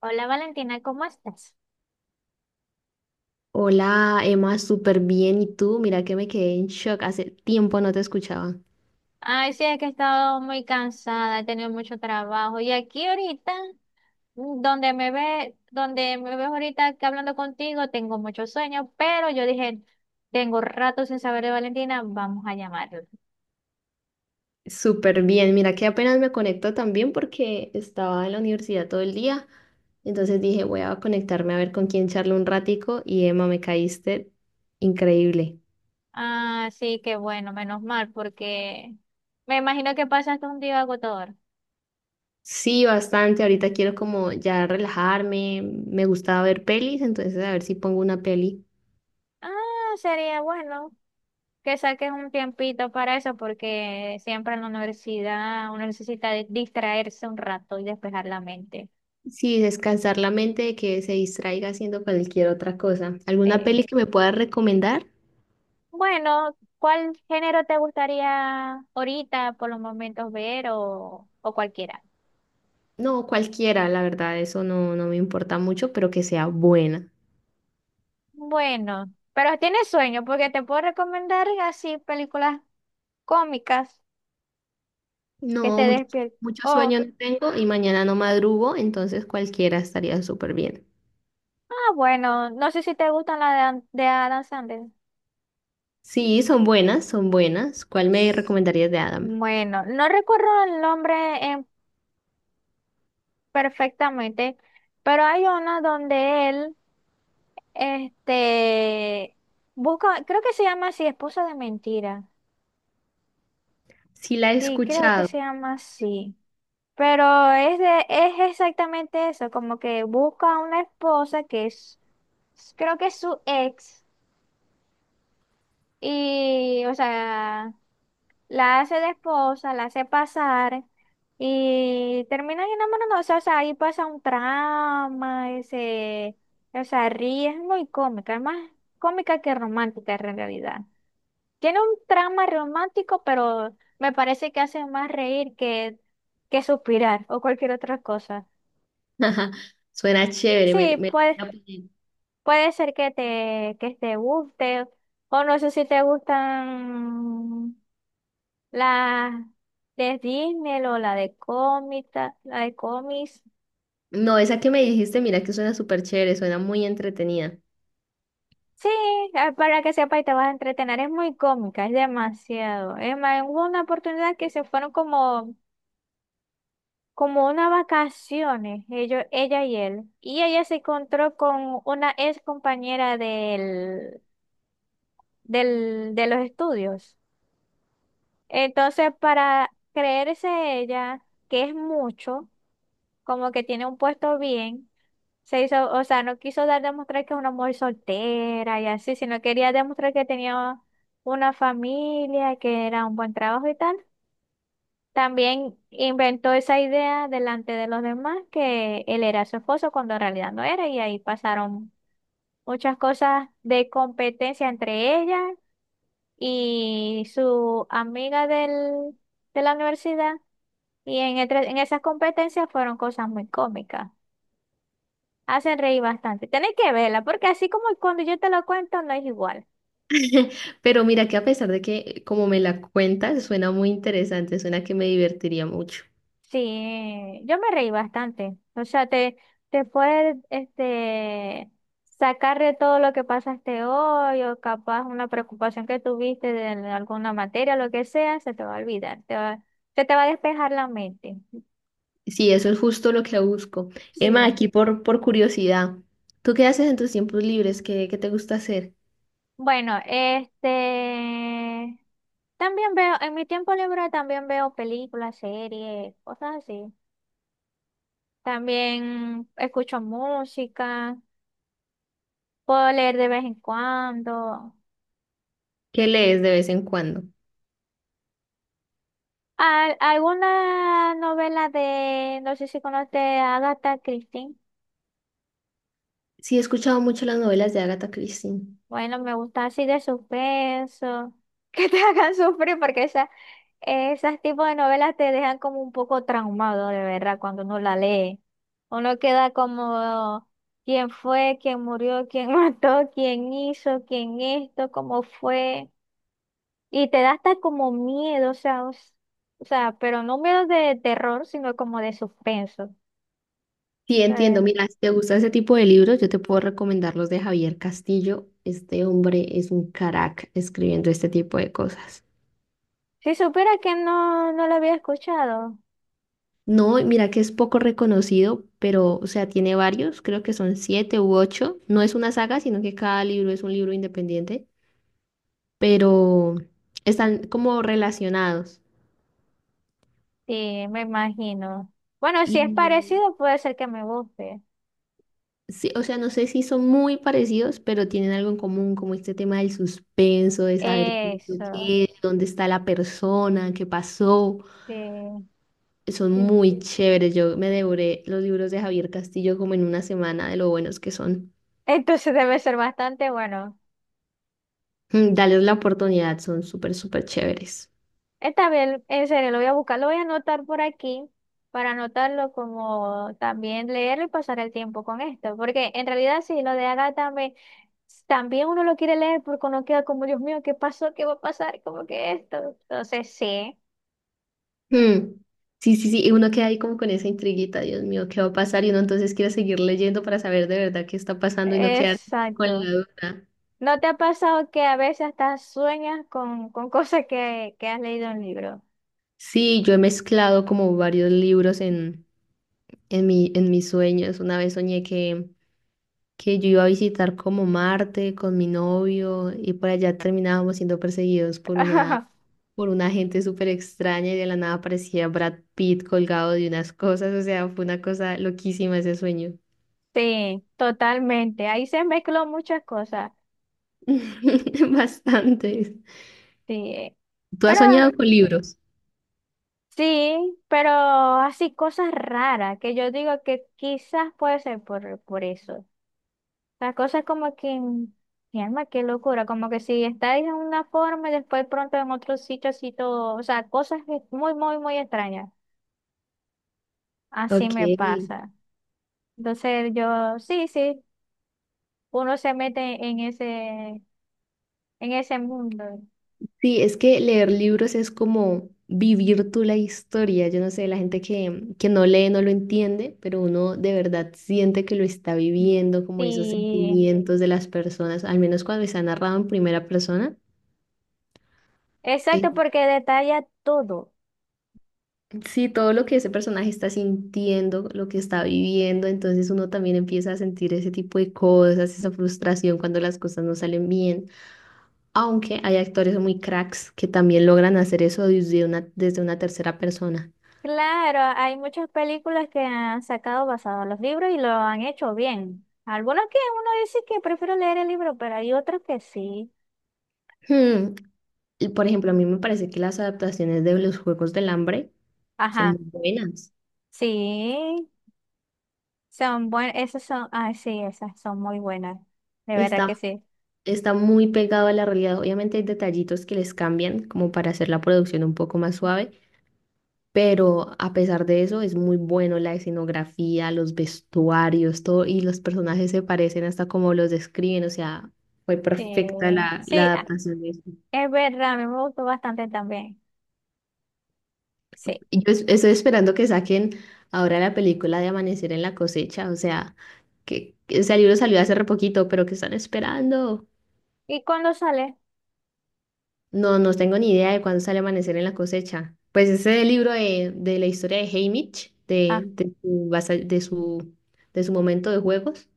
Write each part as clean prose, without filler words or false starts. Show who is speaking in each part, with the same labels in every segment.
Speaker 1: Hola Valentina, ¿cómo estás?
Speaker 2: Hola, Emma, súper bien. ¿Y tú? Mira que me quedé en shock. Hace tiempo no te escuchaba.
Speaker 1: Ay, sí, es que he estado muy cansada, he tenido mucho trabajo. Y aquí ahorita, donde me ve, donde me ves ahorita que hablando contigo, tengo mucho sueño, pero yo dije, tengo rato sin saber de Valentina, vamos a llamarla.
Speaker 2: Súper bien. Mira que apenas me conecto también porque estaba en la universidad todo el día. Entonces dije, voy a conectarme a ver con quién charlo un ratico. Y Emma, me caíste increíble.
Speaker 1: Ah, sí, qué bueno, menos mal, porque me imagino que pasaste un día agotador.
Speaker 2: Sí, bastante. Ahorita quiero como ya relajarme. Me gustaba ver pelis, entonces a ver si pongo una peli.
Speaker 1: Ah, sería bueno que saques un tiempito para eso, porque siempre en la universidad uno necesita distraerse un rato y despejar la mente.
Speaker 2: Sí, descansar la mente de que se distraiga haciendo cualquier otra cosa. ¿Alguna
Speaker 1: Sí.
Speaker 2: peli que me puedas recomendar?
Speaker 1: Bueno, ¿cuál género te gustaría ahorita por los momentos ver o cualquiera?
Speaker 2: No, cualquiera, la verdad, eso no, no me importa mucho, pero que sea buena.
Speaker 1: Bueno, pero tienes sueño, porque te puedo recomendar así películas cómicas que te
Speaker 2: No, mucho,
Speaker 1: despierten.
Speaker 2: mucho sueño
Speaker 1: O,
Speaker 2: no tengo y mañana no madrugo, entonces cualquiera estaría súper bien.
Speaker 1: ah, bueno, no sé si te gustan las de Adam Sandler.
Speaker 2: Sí, son buenas, son buenas. ¿Cuál me recomendarías de Adam?
Speaker 1: Bueno, no recuerdo el nombre en perfectamente, pero hay una donde él, este, busca, creo que se llama así, Esposa de Mentira.
Speaker 2: Sí, la he
Speaker 1: Sí, creo que
Speaker 2: escuchado.
Speaker 1: se llama así. Pero es exactamente eso, como que busca a una esposa que es, creo que es su ex, y, o sea, la hace de esposa, la hace pasar y terminan enamorándose. O sea, ahí pasa un trama, ese, o sea, ríe, es muy cómica, es más cómica que romántica en realidad. Tiene un trama romántico, pero me parece que hace más reír que suspirar o cualquier otra cosa.
Speaker 2: Suena chévere,
Speaker 1: Sí,
Speaker 2: me
Speaker 1: pues
Speaker 2: la voy a poner.
Speaker 1: puede ser que que te guste, o no sé si te gustan La de Disney o la de cómica, la de cómics.
Speaker 2: No, esa que me dijiste, mira que suena súper chévere, suena muy entretenida.
Speaker 1: Sí, ah, para que sepa y te vas a entretener. Es muy cómica, es demasiado. Es más, hubo una oportunidad que se fueron como, como unas vacaciones, ellos, ella y él. Y ella se encontró con una ex compañera de los estudios. Entonces, para creerse ella, que es mucho, como que tiene un puesto bien. Se hizo, o sea, no quiso dar demostrar que es una mujer soltera y así, sino quería demostrar que tenía una familia, que era un buen trabajo y tal. También inventó esa idea delante de los demás que él era su esposo cuando en realidad no era y ahí pasaron muchas cosas de competencia entre ella y su amiga de la universidad y en esas competencias fueron cosas muy cómicas. Hacen reír bastante. Tenéis que verla, porque así como cuando yo te lo cuento, no es igual.
Speaker 2: Pero mira que a pesar de que, como me la cuentas, suena muy interesante, suena que me divertiría mucho.
Speaker 1: Sí, yo me reí bastante. O sea, te puedes sacar de todo lo que pasaste hoy, o capaz una preocupación que tuviste de alguna materia, lo que sea, se te va a olvidar. Se te va a despejar la mente.
Speaker 2: Sí, eso es justo lo que busco. Emma,
Speaker 1: Sí.
Speaker 2: aquí por curiosidad, ¿tú qué haces en tus tiempos libres? ¿ qué te gusta hacer?
Speaker 1: Bueno, También veo, en mi tiempo libre también veo películas, series, cosas así. También escucho música, puedo leer de vez en cuando.
Speaker 2: ¿Qué lees de vez en cuando?
Speaker 1: Alguna novela de, no sé si conoce a Agatha Christie.
Speaker 2: Sí, he escuchado mucho las novelas de Agatha Christie.
Speaker 1: Bueno, me gusta así de suspenso, que te hagan sufrir porque esa, esas tipos de novelas te dejan como un poco traumado, de verdad, cuando uno la lee. Uno queda como quién fue, quién murió, quién mató, quién hizo, quién esto, cómo fue. Y te da hasta como miedo, o sea, o sea, pero no miedo de terror, sino como de suspenso.
Speaker 2: Sí, entiendo.
Speaker 1: Eh,
Speaker 2: Mira, si te gusta ese tipo de libros, yo te puedo recomendar los de Javier Castillo. Este hombre es un crack escribiendo este tipo de cosas.
Speaker 1: si supiera que no lo había escuchado,
Speaker 2: No, y mira que es poco reconocido, pero, o sea, tiene varios, creo que son siete u ocho. No es una saga, sino que cada libro es un libro independiente, pero están como relacionados.
Speaker 1: sí, me imagino. Bueno, si es
Speaker 2: Y
Speaker 1: parecido, puede ser que me guste.
Speaker 2: sí, o sea, no sé si son muy parecidos, pero tienen algo en común, como este tema del suspenso, de saber qué es lo
Speaker 1: Eso,
Speaker 2: que es, dónde está la persona, qué pasó.
Speaker 1: sí,
Speaker 2: Son
Speaker 1: sí.
Speaker 2: muy chéveres. Yo me devoré los libros de Javier Castillo como en una semana de lo buenos que son.
Speaker 1: Entonces debe ser bastante bueno.
Speaker 2: Mm, dales la oportunidad, son súper, súper chéveres.
Speaker 1: Esta vez, en serio, lo voy a buscar, lo voy a anotar por aquí para anotarlo como también leerlo y pasar el tiempo con esto, porque en realidad sí, lo de Agatha me- también uno lo quiere leer porque uno queda como, Dios mío, ¿qué pasó? ¿Qué va a pasar? ¿Como que esto? Entonces sí,
Speaker 2: Mm. Sí, sí, sí, y uno queda ahí como con esa intriguita, Dios mío, ¿qué va a pasar? Y uno entonces quiere seguir leyendo para saber de verdad qué está pasando y no quedarse con la
Speaker 1: exacto.
Speaker 2: duda.
Speaker 1: ¿No te ha pasado que a veces hasta sueñas con cosas que has leído en un libro?
Speaker 2: Sí, yo he mezclado como varios libros en mi, en mis sueños. Una vez soñé que yo iba a visitar como Marte con mi novio y por allá terminábamos siendo perseguidos por una gente súper extraña y de la nada aparecía Brad Pitt colgado de unas cosas. O sea, fue una cosa loquísima ese sueño.
Speaker 1: Sí, totalmente. Ahí se mezcló muchas cosas.
Speaker 2: Bastante.
Speaker 1: Sí.
Speaker 2: Tú has
Speaker 1: Pero
Speaker 2: soñado con libros.
Speaker 1: sí, pero así cosas raras que yo digo que quizás puede ser por eso. Las cosas como que, mi alma, qué locura, como que si estáis en una forma y después pronto en otro sitio así todo, o sea, cosas que- muy, muy, muy extrañas. Así
Speaker 2: Ok.
Speaker 1: me pasa. Entonces yo, sí, sí, uno se mete en ese mundo.
Speaker 2: Sí, es que leer libros es como vivir tú la historia. Yo no sé, la gente que no lee no lo entiende, pero uno de verdad siente que lo está viviendo, como esos
Speaker 1: Sí,
Speaker 2: sentimientos de las personas, al menos cuando está narrado en primera persona.
Speaker 1: exacto,
Speaker 2: eh,
Speaker 1: porque detalla todo.
Speaker 2: sí, todo lo que ese personaje está sintiendo, lo que está viviendo, entonces uno también empieza a sentir ese tipo de cosas, esa frustración cuando las cosas no salen bien. Aunque hay actores muy cracks que también logran hacer eso desde una tercera persona.
Speaker 1: Claro, hay muchas películas que han sacado basados en los libros y lo han hecho bien. Algunos que uno dice que prefiero leer el libro, pero hay otros que sí.
Speaker 2: Hmm, y por ejemplo, a mí me parece que las adaptaciones de los Juegos del Hambre son muy
Speaker 1: Ajá,
Speaker 2: buenas.
Speaker 1: sí, son buenas, esas son, ah, sí, esas son muy buenas, de verdad
Speaker 2: Está,
Speaker 1: que sí.
Speaker 2: Está muy pegado a la realidad. Obviamente hay detallitos que les cambian como para hacer la producción un poco más suave, pero a pesar de eso es muy bueno la escenografía, los vestuarios, todo, y los personajes se parecen hasta como los describen. O sea, fue
Speaker 1: Sí,
Speaker 2: perfecta la, la
Speaker 1: sí, ah,
Speaker 2: adaptación de eso.
Speaker 1: es verdad, a mí me gustó bastante también. Sí.
Speaker 2: Y yo estoy esperando que saquen ahora la película de Amanecer en la cosecha, o sea, que ese libro salió hace re poquito, pero que están esperando.
Speaker 1: ¿Y cuándo sale?
Speaker 2: No, no tengo ni idea de cuándo sale Amanecer en la cosecha. Pues ese libro de la historia de Haymitch,
Speaker 1: Ah,
Speaker 2: de, su, de su de su momento de juegos,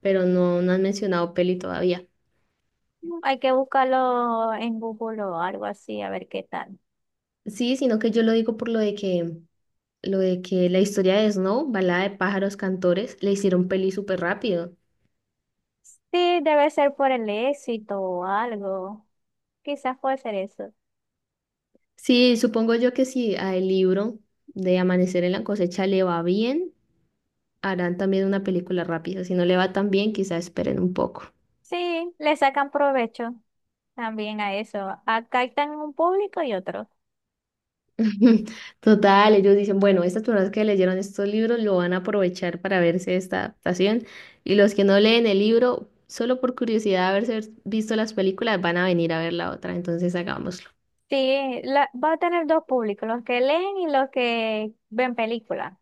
Speaker 2: pero no, no han mencionado peli todavía.
Speaker 1: hay que buscarlo en Google o algo así, a ver qué tal.
Speaker 2: Sí, sino que yo lo digo por lo de que la historia de Snow, Balada de pájaros cantores, le hicieron peli súper rápido.
Speaker 1: Sí, debe ser por el éxito o algo. Quizás puede ser eso.
Speaker 2: Sí, supongo yo que si al libro de Amanecer en la cosecha le va bien, harán también una película rápida. Si no le va tan bien, quizá esperen un poco.
Speaker 1: Sí, le sacan provecho también a eso. Acá están un público y otro.
Speaker 2: Total, ellos dicen, bueno, estas personas que leyeron estos libros lo van a aprovechar para verse esta adaptación y los que no leen el libro, solo por curiosidad de haberse visto las películas, van a venir a ver la otra, entonces hagámoslo.
Speaker 1: Sí, va a tener dos públicos, los que leen y los que ven películas. O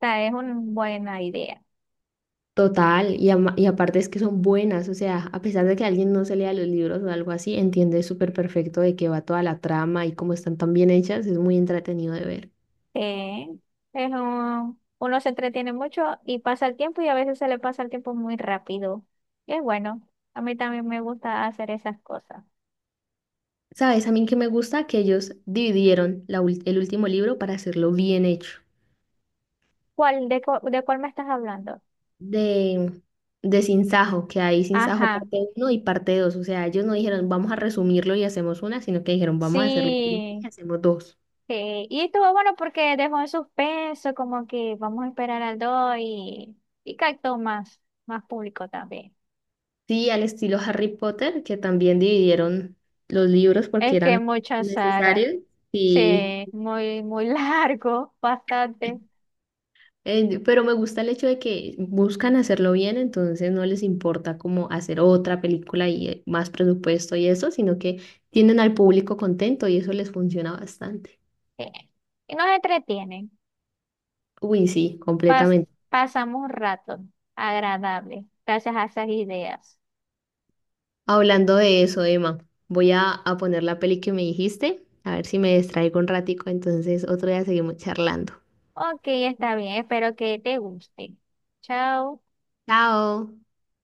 Speaker 1: sea, es una buena idea.
Speaker 2: Total, y, y aparte es que son buenas, o sea, a pesar de que alguien no se lea los libros o algo así, entiende súper perfecto de qué va toda la trama y cómo están tan bien hechas, es muy entretenido de ver.
Speaker 1: Eh, es uno se entretiene mucho y pasa el tiempo y a veces se le pasa el tiempo muy rápido. Y es bueno. A mí también me gusta hacer esas cosas.
Speaker 2: ¿Sabes? A mí que me gusta que ellos dividieron la el último libro para hacerlo bien hecho.
Speaker 1: ¿ De cuál me estás hablando?
Speaker 2: De, de Sinsajo, que hay Sinsajo
Speaker 1: Ajá,
Speaker 2: parte uno y parte dos, o sea, ellos no dijeron vamos a resumirlo y hacemos una, sino que dijeron vamos a hacerlo bien
Speaker 1: sí,
Speaker 2: y hacemos dos.
Speaker 1: sí, y estuvo bueno porque dejó en suspenso, como que vamos a esperar al 2 y captó más, más público también.
Speaker 2: Sí, al estilo Harry Potter, que también dividieron los libros porque
Speaker 1: Es que
Speaker 2: eran
Speaker 1: muchas sagas,
Speaker 2: necesarios. Sí,
Speaker 1: sí, muy, muy largo, bastante.
Speaker 2: Pero me gusta el hecho de que buscan hacerlo bien, entonces no les importa como hacer otra película y más presupuesto y eso, sino que tienen al público contento y eso les funciona bastante.
Speaker 1: Sí. Y nos entretienen,
Speaker 2: Uy, sí,
Speaker 1: pas-
Speaker 2: completamente.
Speaker 1: pasamos un rato agradable, gracias a esas ideas.
Speaker 2: Hablando de eso, Emma, voy a poner la peli que me dijiste, a ver si me distraigo un ratico, entonces otro día seguimos charlando.
Speaker 1: Ok, está bien, espero que te guste. Chao.
Speaker 2: Chao.